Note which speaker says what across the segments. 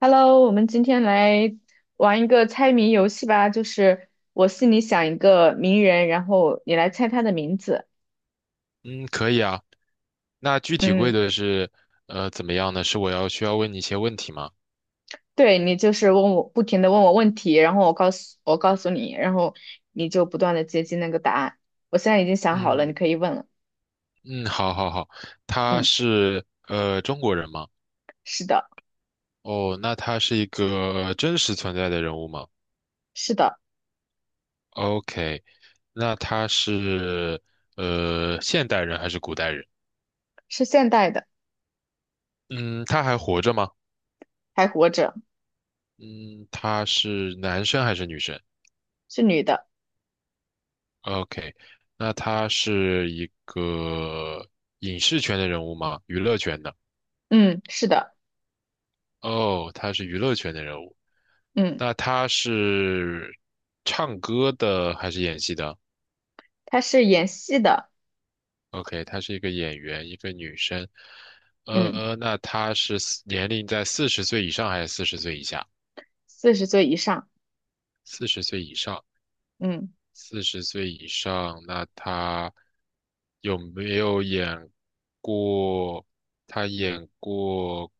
Speaker 1: Hello，我们今天来玩一个猜谜游戏吧，就是我心里想一个名人，然后你来猜他的名字。
Speaker 2: 嗯，可以啊。那具体
Speaker 1: 嗯，
Speaker 2: 规则是，怎么样呢？是我要需要问你一些问题吗？
Speaker 1: 对，你就是问我，不停的问我问题，然后我告诉你，然后你就不断的接近那个答案。我现在已经想好了，你
Speaker 2: 嗯
Speaker 1: 可以问了。
Speaker 2: 嗯，好，好，好。他
Speaker 1: 嗯，
Speaker 2: 是中国人吗？
Speaker 1: 是的，
Speaker 2: 哦，那他是一个真实存在的人物吗
Speaker 1: 是的，
Speaker 2: ？OK，那他是现代人还是古代人？
Speaker 1: 是现代的，
Speaker 2: 嗯，他还活着吗？
Speaker 1: 还活着，
Speaker 2: 嗯，他是男生还是女生
Speaker 1: 是女的。
Speaker 2: ？OK，那他是一个影视圈的人物吗？娱乐圈的？
Speaker 1: 嗯，是的，
Speaker 2: 哦，他是娱乐圈的人物，
Speaker 1: 嗯，
Speaker 2: 那他是唱歌的还是演戏的
Speaker 1: 她是演戏的，
Speaker 2: ？OK,她是一个演员，一个女生。
Speaker 1: 嗯，
Speaker 2: 那她是四年龄在四十岁以上还是四十岁以下？
Speaker 1: 40岁以上，
Speaker 2: 四十岁以上，
Speaker 1: 嗯。
Speaker 2: 四十岁以上，那她有没有演过？她演过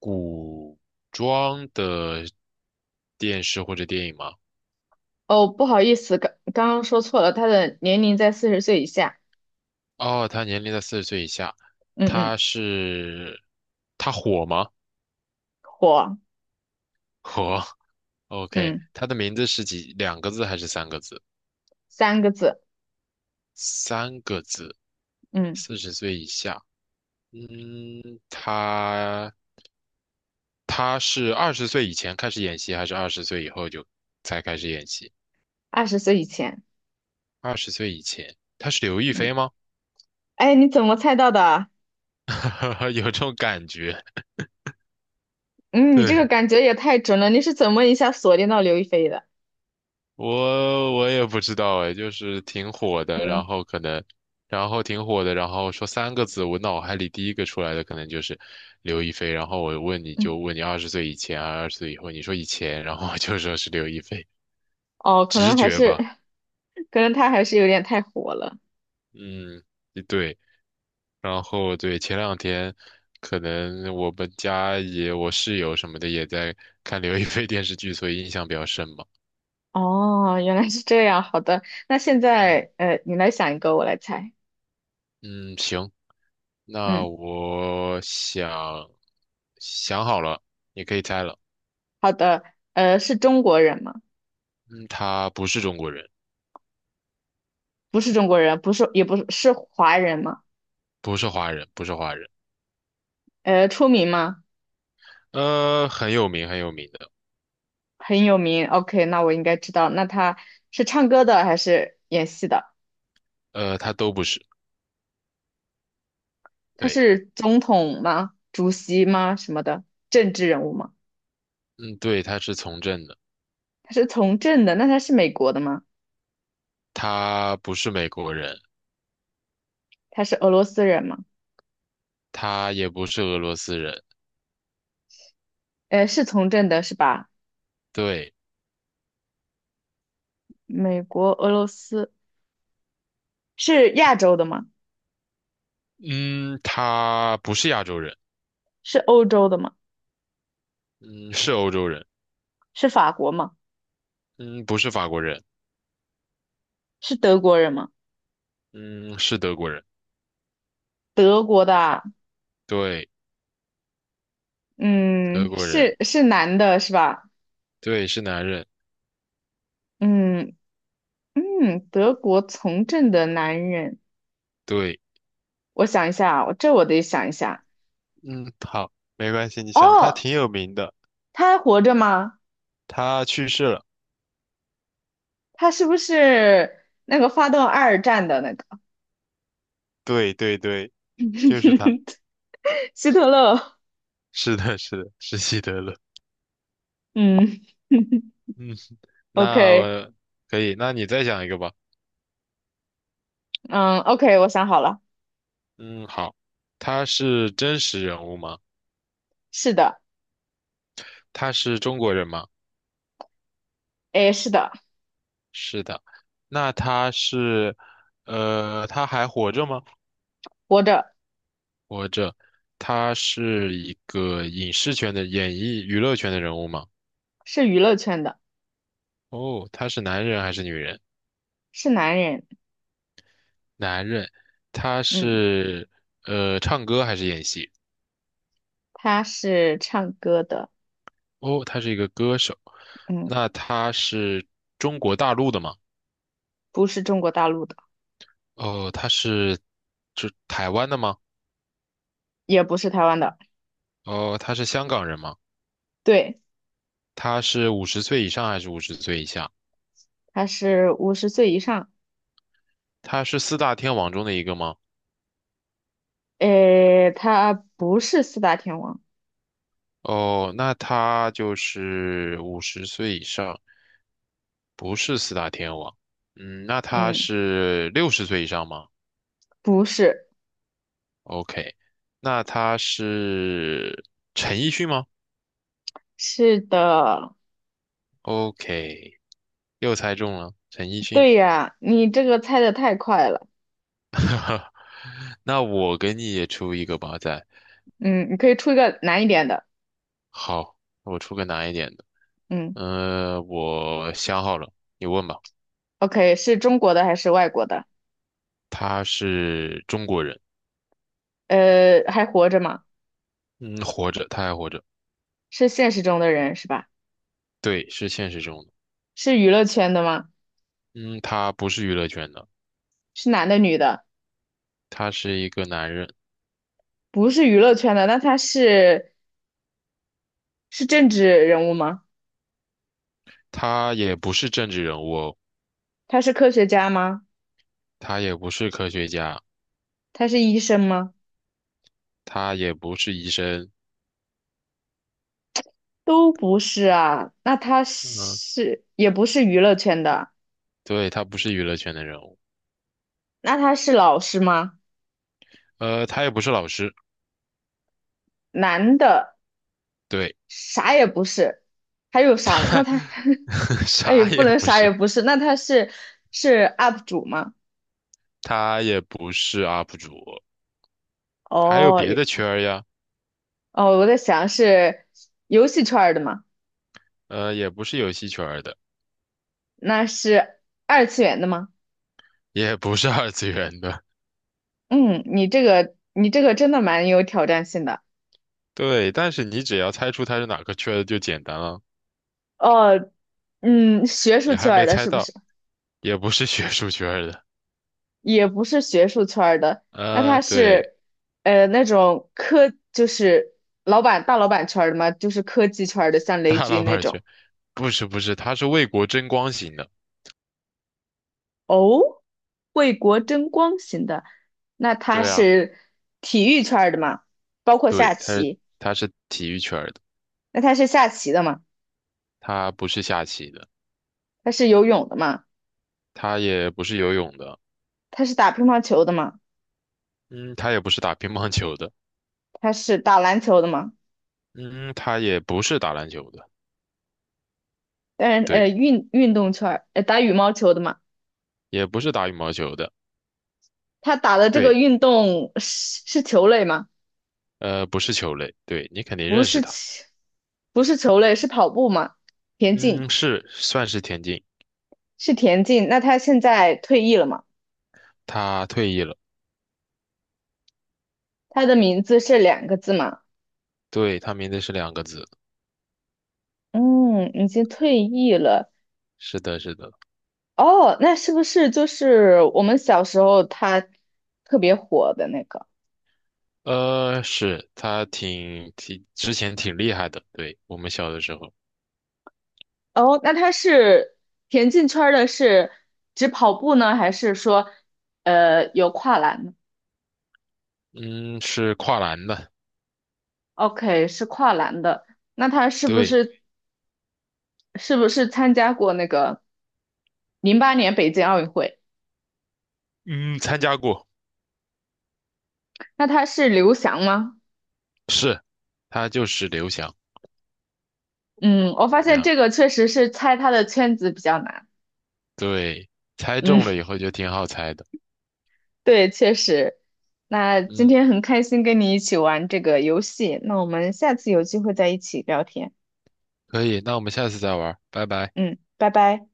Speaker 2: 古装的电视或者电影吗？
Speaker 1: 哦，不好意思，刚刚说错了，他的年龄在40岁以下。
Speaker 2: 哦，他年龄在四十岁以下，
Speaker 1: 嗯
Speaker 2: 他
Speaker 1: 嗯，
Speaker 2: 是他火吗？
Speaker 1: 火，
Speaker 2: 火，OK，
Speaker 1: 嗯，
Speaker 2: 他的名字是几两个字还是三个字？
Speaker 1: 3个字，
Speaker 2: 三个字，
Speaker 1: 嗯，
Speaker 2: 四十岁以下，嗯，他他是二十岁以前开始演戏，还是二十岁以后就才开始演戏？
Speaker 1: 20岁以前，
Speaker 2: 二十岁以前，他是刘亦菲
Speaker 1: 嗯，
Speaker 2: 吗？
Speaker 1: 哎，你怎么猜到的啊？
Speaker 2: 有这种感觉，
Speaker 1: 嗯，你
Speaker 2: 对，
Speaker 1: 这个感觉也太准了，你是怎么一下锁定到刘亦菲的？
Speaker 2: 我也不知道哎，就是挺火的，然
Speaker 1: 嗯
Speaker 2: 后可能，然后挺火的，然后说三个字，我脑海里第一个出来的可能就是刘亦菲，然后我问你
Speaker 1: 嗯，
Speaker 2: 就问你二十岁以前啊，二十岁以后，你说以前，然后我就说是刘亦菲，
Speaker 1: 哦，可
Speaker 2: 直
Speaker 1: 能还
Speaker 2: 觉
Speaker 1: 是，
Speaker 2: 吧，
Speaker 1: 可能他还是有点太火了。
Speaker 2: 嗯，对，然后对，前两天可能我们家也我室友什么的也在看刘亦菲电视剧，所以印象比较深嘛，
Speaker 1: 哦，原来是这样，好的，那现
Speaker 2: 嗯
Speaker 1: 在你来想一个，我来猜。
Speaker 2: 嗯，行，那
Speaker 1: 嗯，
Speaker 2: 我想好了，你可以猜了。
Speaker 1: 好的，是中国人吗？
Speaker 2: 嗯，他不是中国人，
Speaker 1: 不是中国人，不是，也不是，是华人吗？
Speaker 2: 不是华人，不是华人。
Speaker 1: 出名吗？
Speaker 2: 很有名，很有名的。
Speaker 1: 很有名。OK，那我应该知道。那他是唱歌的还是演戏的？
Speaker 2: 他都不是。
Speaker 1: 他
Speaker 2: 对，
Speaker 1: 是总统吗？主席吗？什么的？政治人物吗？
Speaker 2: 嗯，对，他是从政的。
Speaker 1: 他是从政的，那他是美国的吗？
Speaker 2: 他不是美国人，
Speaker 1: 他是俄罗斯人吗？
Speaker 2: 他也不是俄罗斯人。
Speaker 1: 是从政的是吧？
Speaker 2: 对，
Speaker 1: 美国、俄罗斯是亚洲的吗？
Speaker 2: 嗯，他不是亚洲人，
Speaker 1: 是欧洲的吗？
Speaker 2: 嗯，是欧洲人，
Speaker 1: 是法国吗？
Speaker 2: 嗯，不是法国人，
Speaker 1: 是德国人吗？
Speaker 2: 嗯，是德国人。
Speaker 1: 德国的啊，
Speaker 2: 对，德
Speaker 1: 嗯，
Speaker 2: 国人，
Speaker 1: 是男的是吧？
Speaker 2: 对，是男人。
Speaker 1: 嗯嗯，德国从政的男人。
Speaker 2: 对。
Speaker 1: 我想一下啊，我得想一下。
Speaker 2: 嗯，好，没关系，你想，他
Speaker 1: 哦，
Speaker 2: 挺有名的，
Speaker 1: 他还活着吗？
Speaker 2: 他去世了。
Speaker 1: 他是不是那个发动二战的那个
Speaker 2: 对对对，就是他。
Speaker 1: 希特勒？
Speaker 2: 是的，是的，是希特勒。
Speaker 1: 嗯
Speaker 2: 嗯，那
Speaker 1: ，OK，
Speaker 2: 我可以，那你再讲一个吧。
Speaker 1: 嗯，OK，我想好了，
Speaker 2: 嗯，好，他是真实人物吗？
Speaker 1: 是的，
Speaker 2: 他是中国人吗？
Speaker 1: 诶，是的，
Speaker 2: 是的。那他是，他还活着吗？
Speaker 1: 活着，
Speaker 2: 活着。他是一个影视圈的演艺娱乐圈的人物吗？
Speaker 1: 是娱乐圈的，
Speaker 2: 哦，他是男人还是女人？
Speaker 1: 是男人，
Speaker 2: 男人，他
Speaker 1: 嗯，
Speaker 2: 是唱歌还是演戏？
Speaker 1: 他是唱歌的，
Speaker 2: 哦，他是一个歌手。
Speaker 1: 嗯，
Speaker 2: 那他是中国大陆的吗？
Speaker 1: 不是中国大陆的，
Speaker 2: 哦，他是就台湾的吗？
Speaker 1: 也不是台湾的，
Speaker 2: 哦，他是香港人吗？
Speaker 1: 对，
Speaker 2: 他是五十岁以上还是五十岁以下？
Speaker 1: 他是50岁以上，
Speaker 2: 他是四大天王中的一个吗？
Speaker 1: 诶，他不是四大天王，
Speaker 2: 哦，那他就是五十岁以上，不是四大天王。嗯，那他
Speaker 1: 嗯，
Speaker 2: 是六十岁以上吗？
Speaker 1: 不是。
Speaker 2: OK，那他是陈奕迅吗
Speaker 1: 是的，
Speaker 2: ？OK，又猜中了，陈奕迅。
Speaker 1: 对呀，你这个猜的太快了。
Speaker 2: 那我给你也出一个吧，再
Speaker 1: 嗯，你可以出一个难一点的。
Speaker 2: 好，我出个难一点的。
Speaker 1: 嗯
Speaker 2: 我想好了，你问吧。
Speaker 1: ，OK，是中国的还是外国的？
Speaker 2: 他是中国人，
Speaker 1: 还活着吗？
Speaker 2: 嗯，活着，他还活着，
Speaker 1: 是现实中的人是吧？
Speaker 2: 对，是现实中的。
Speaker 1: 是娱乐圈的吗？
Speaker 2: 嗯，他不是娱乐圈的，
Speaker 1: 是男的女的？
Speaker 2: 他是一个男人，
Speaker 1: 不是娱乐圈的，那他是政治人物吗？
Speaker 2: 他也不是政治人物哦。
Speaker 1: 他是科学家吗？
Speaker 2: 他也不是科学家，
Speaker 1: 他是医生吗？
Speaker 2: 他也不是医生。
Speaker 1: 都不是啊。那他
Speaker 2: 嗯、
Speaker 1: 是也不是娱乐圈的，
Speaker 2: 对，他不是娱乐圈的人物，
Speaker 1: 那他是老师吗？
Speaker 2: 他也不是老师，
Speaker 1: 男的。
Speaker 2: 对，
Speaker 1: 啥也不是，还有啥了？那他 那也
Speaker 2: 啥
Speaker 1: 不
Speaker 2: 也
Speaker 1: 能
Speaker 2: 不
Speaker 1: 啥也
Speaker 2: 是，
Speaker 1: 不是，那他是 UP 主吗？
Speaker 2: 他也不是 UP 主，还有
Speaker 1: 哦，
Speaker 2: 别的圈儿呀，
Speaker 1: 哦，我在想是游戏圈儿的吗？
Speaker 2: 也不是游戏圈儿的，
Speaker 1: 那是二次元的吗？
Speaker 2: 也不是二次元的，
Speaker 1: 嗯，你这个真的蛮有挑战性的。
Speaker 2: 对，但是你只要猜出他是哪个圈儿的就简单了，
Speaker 1: 哦，嗯，学术
Speaker 2: 你还
Speaker 1: 圈儿
Speaker 2: 没
Speaker 1: 的
Speaker 2: 猜
Speaker 1: 是不
Speaker 2: 到，
Speaker 1: 是？
Speaker 2: 也不是学术圈儿的，
Speaker 1: 也不是学术圈儿的，那他
Speaker 2: 对，
Speaker 1: 是那种就是老板大老板圈儿的吗？就是科技圈儿的，像雷
Speaker 2: 大老
Speaker 1: 军那
Speaker 2: 板
Speaker 1: 种。
Speaker 2: 圈，不是不是，他是为国争光型的，
Speaker 1: 哦，为国争光型的，那他
Speaker 2: 对啊，
Speaker 1: 是体育圈儿的嘛？包括
Speaker 2: 对，
Speaker 1: 下棋，
Speaker 2: 他是体育圈儿的，
Speaker 1: 那他是下棋的嘛？
Speaker 2: 他不是下棋的，
Speaker 1: 他是游泳的嘛？
Speaker 2: 他也不是游泳的。
Speaker 1: 他是打乒乓球的嘛？
Speaker 2: 嗯，他也不是打乒乓球的，
Speaker 1: 他是打篮球的嘛？
Speaker 2: 嗯，他也不是打篮球的，
Speaker 1: 但是
Speaker 2: 对，
Speaker 1: 运动圈儿，打羽毛球的嘛？
Speaker 2: 也不是打羽毛球的，
Speaker 1: 他打的这个
Speaker 2: 对，
Speaker 1: 运动是球类吗？
Speaker 2: 不是球类，对，你肯定
Speaker 1: 不
Speaker 2: 认识
Speaker 1: 是
Speaker 2: 他，
Speaker 1: 棋，不是球类，是跑步吗？田径
Speaker 2: 嗯，是，算是田径，
Speaker 1: 是田径，那他现在退役了嘛？
Speaker 2: 他退役了，
Speaker 1: 他的名字是2个字嘛？
Speaker 2: 对，他名字是两个字，
Speaker 1: 嗯，已经退役了。
Speaker 2: 是的，是的，
Speaker 1: 哦，那是不是就是我们小时候他特别火的那个？
Speaker 2: 是他挺之前挺厉害的，对，我们小的时候，
Speaker 1: 哦，那他是田径圈儿的是只跑步呢，还是说有跨栏呢
Speaker 2: 嗯，是跨栏的，
Speaker 1: ？OK，是跨栏的。那他是不
Speaker 2: 对，
Speaker 1: 是是不是参加过那个08年北京奥运会？
Speaker 2: 嗯，参加过，
Speaker 1: 那他是刘翔吗？
Speaker 2: 是，他就是刘翔，
Speaker 1: 嗯，我
Speaker 2: 怎
Speaker 1: 发
Speaker 2: 么
Speaker 1: 现
Speaker 2: 样？
Speaker 1: 这个确实是猜他的圈子比较难。
Speaker 2: 对，猜
Speaker 1: 嗯。
Speaker 2: 中了以后就挺好猜的，
Speaker 1: 对，确实。那今
Speaker 2: 嗯。
Speaker 1: 天很开心跟你一起玩这个游戏，那我们下次有机会再一起聊天。
Speaker 2: 可以，那我们下次再玩拜拜。
Speaker 1: 嗯，拜拜。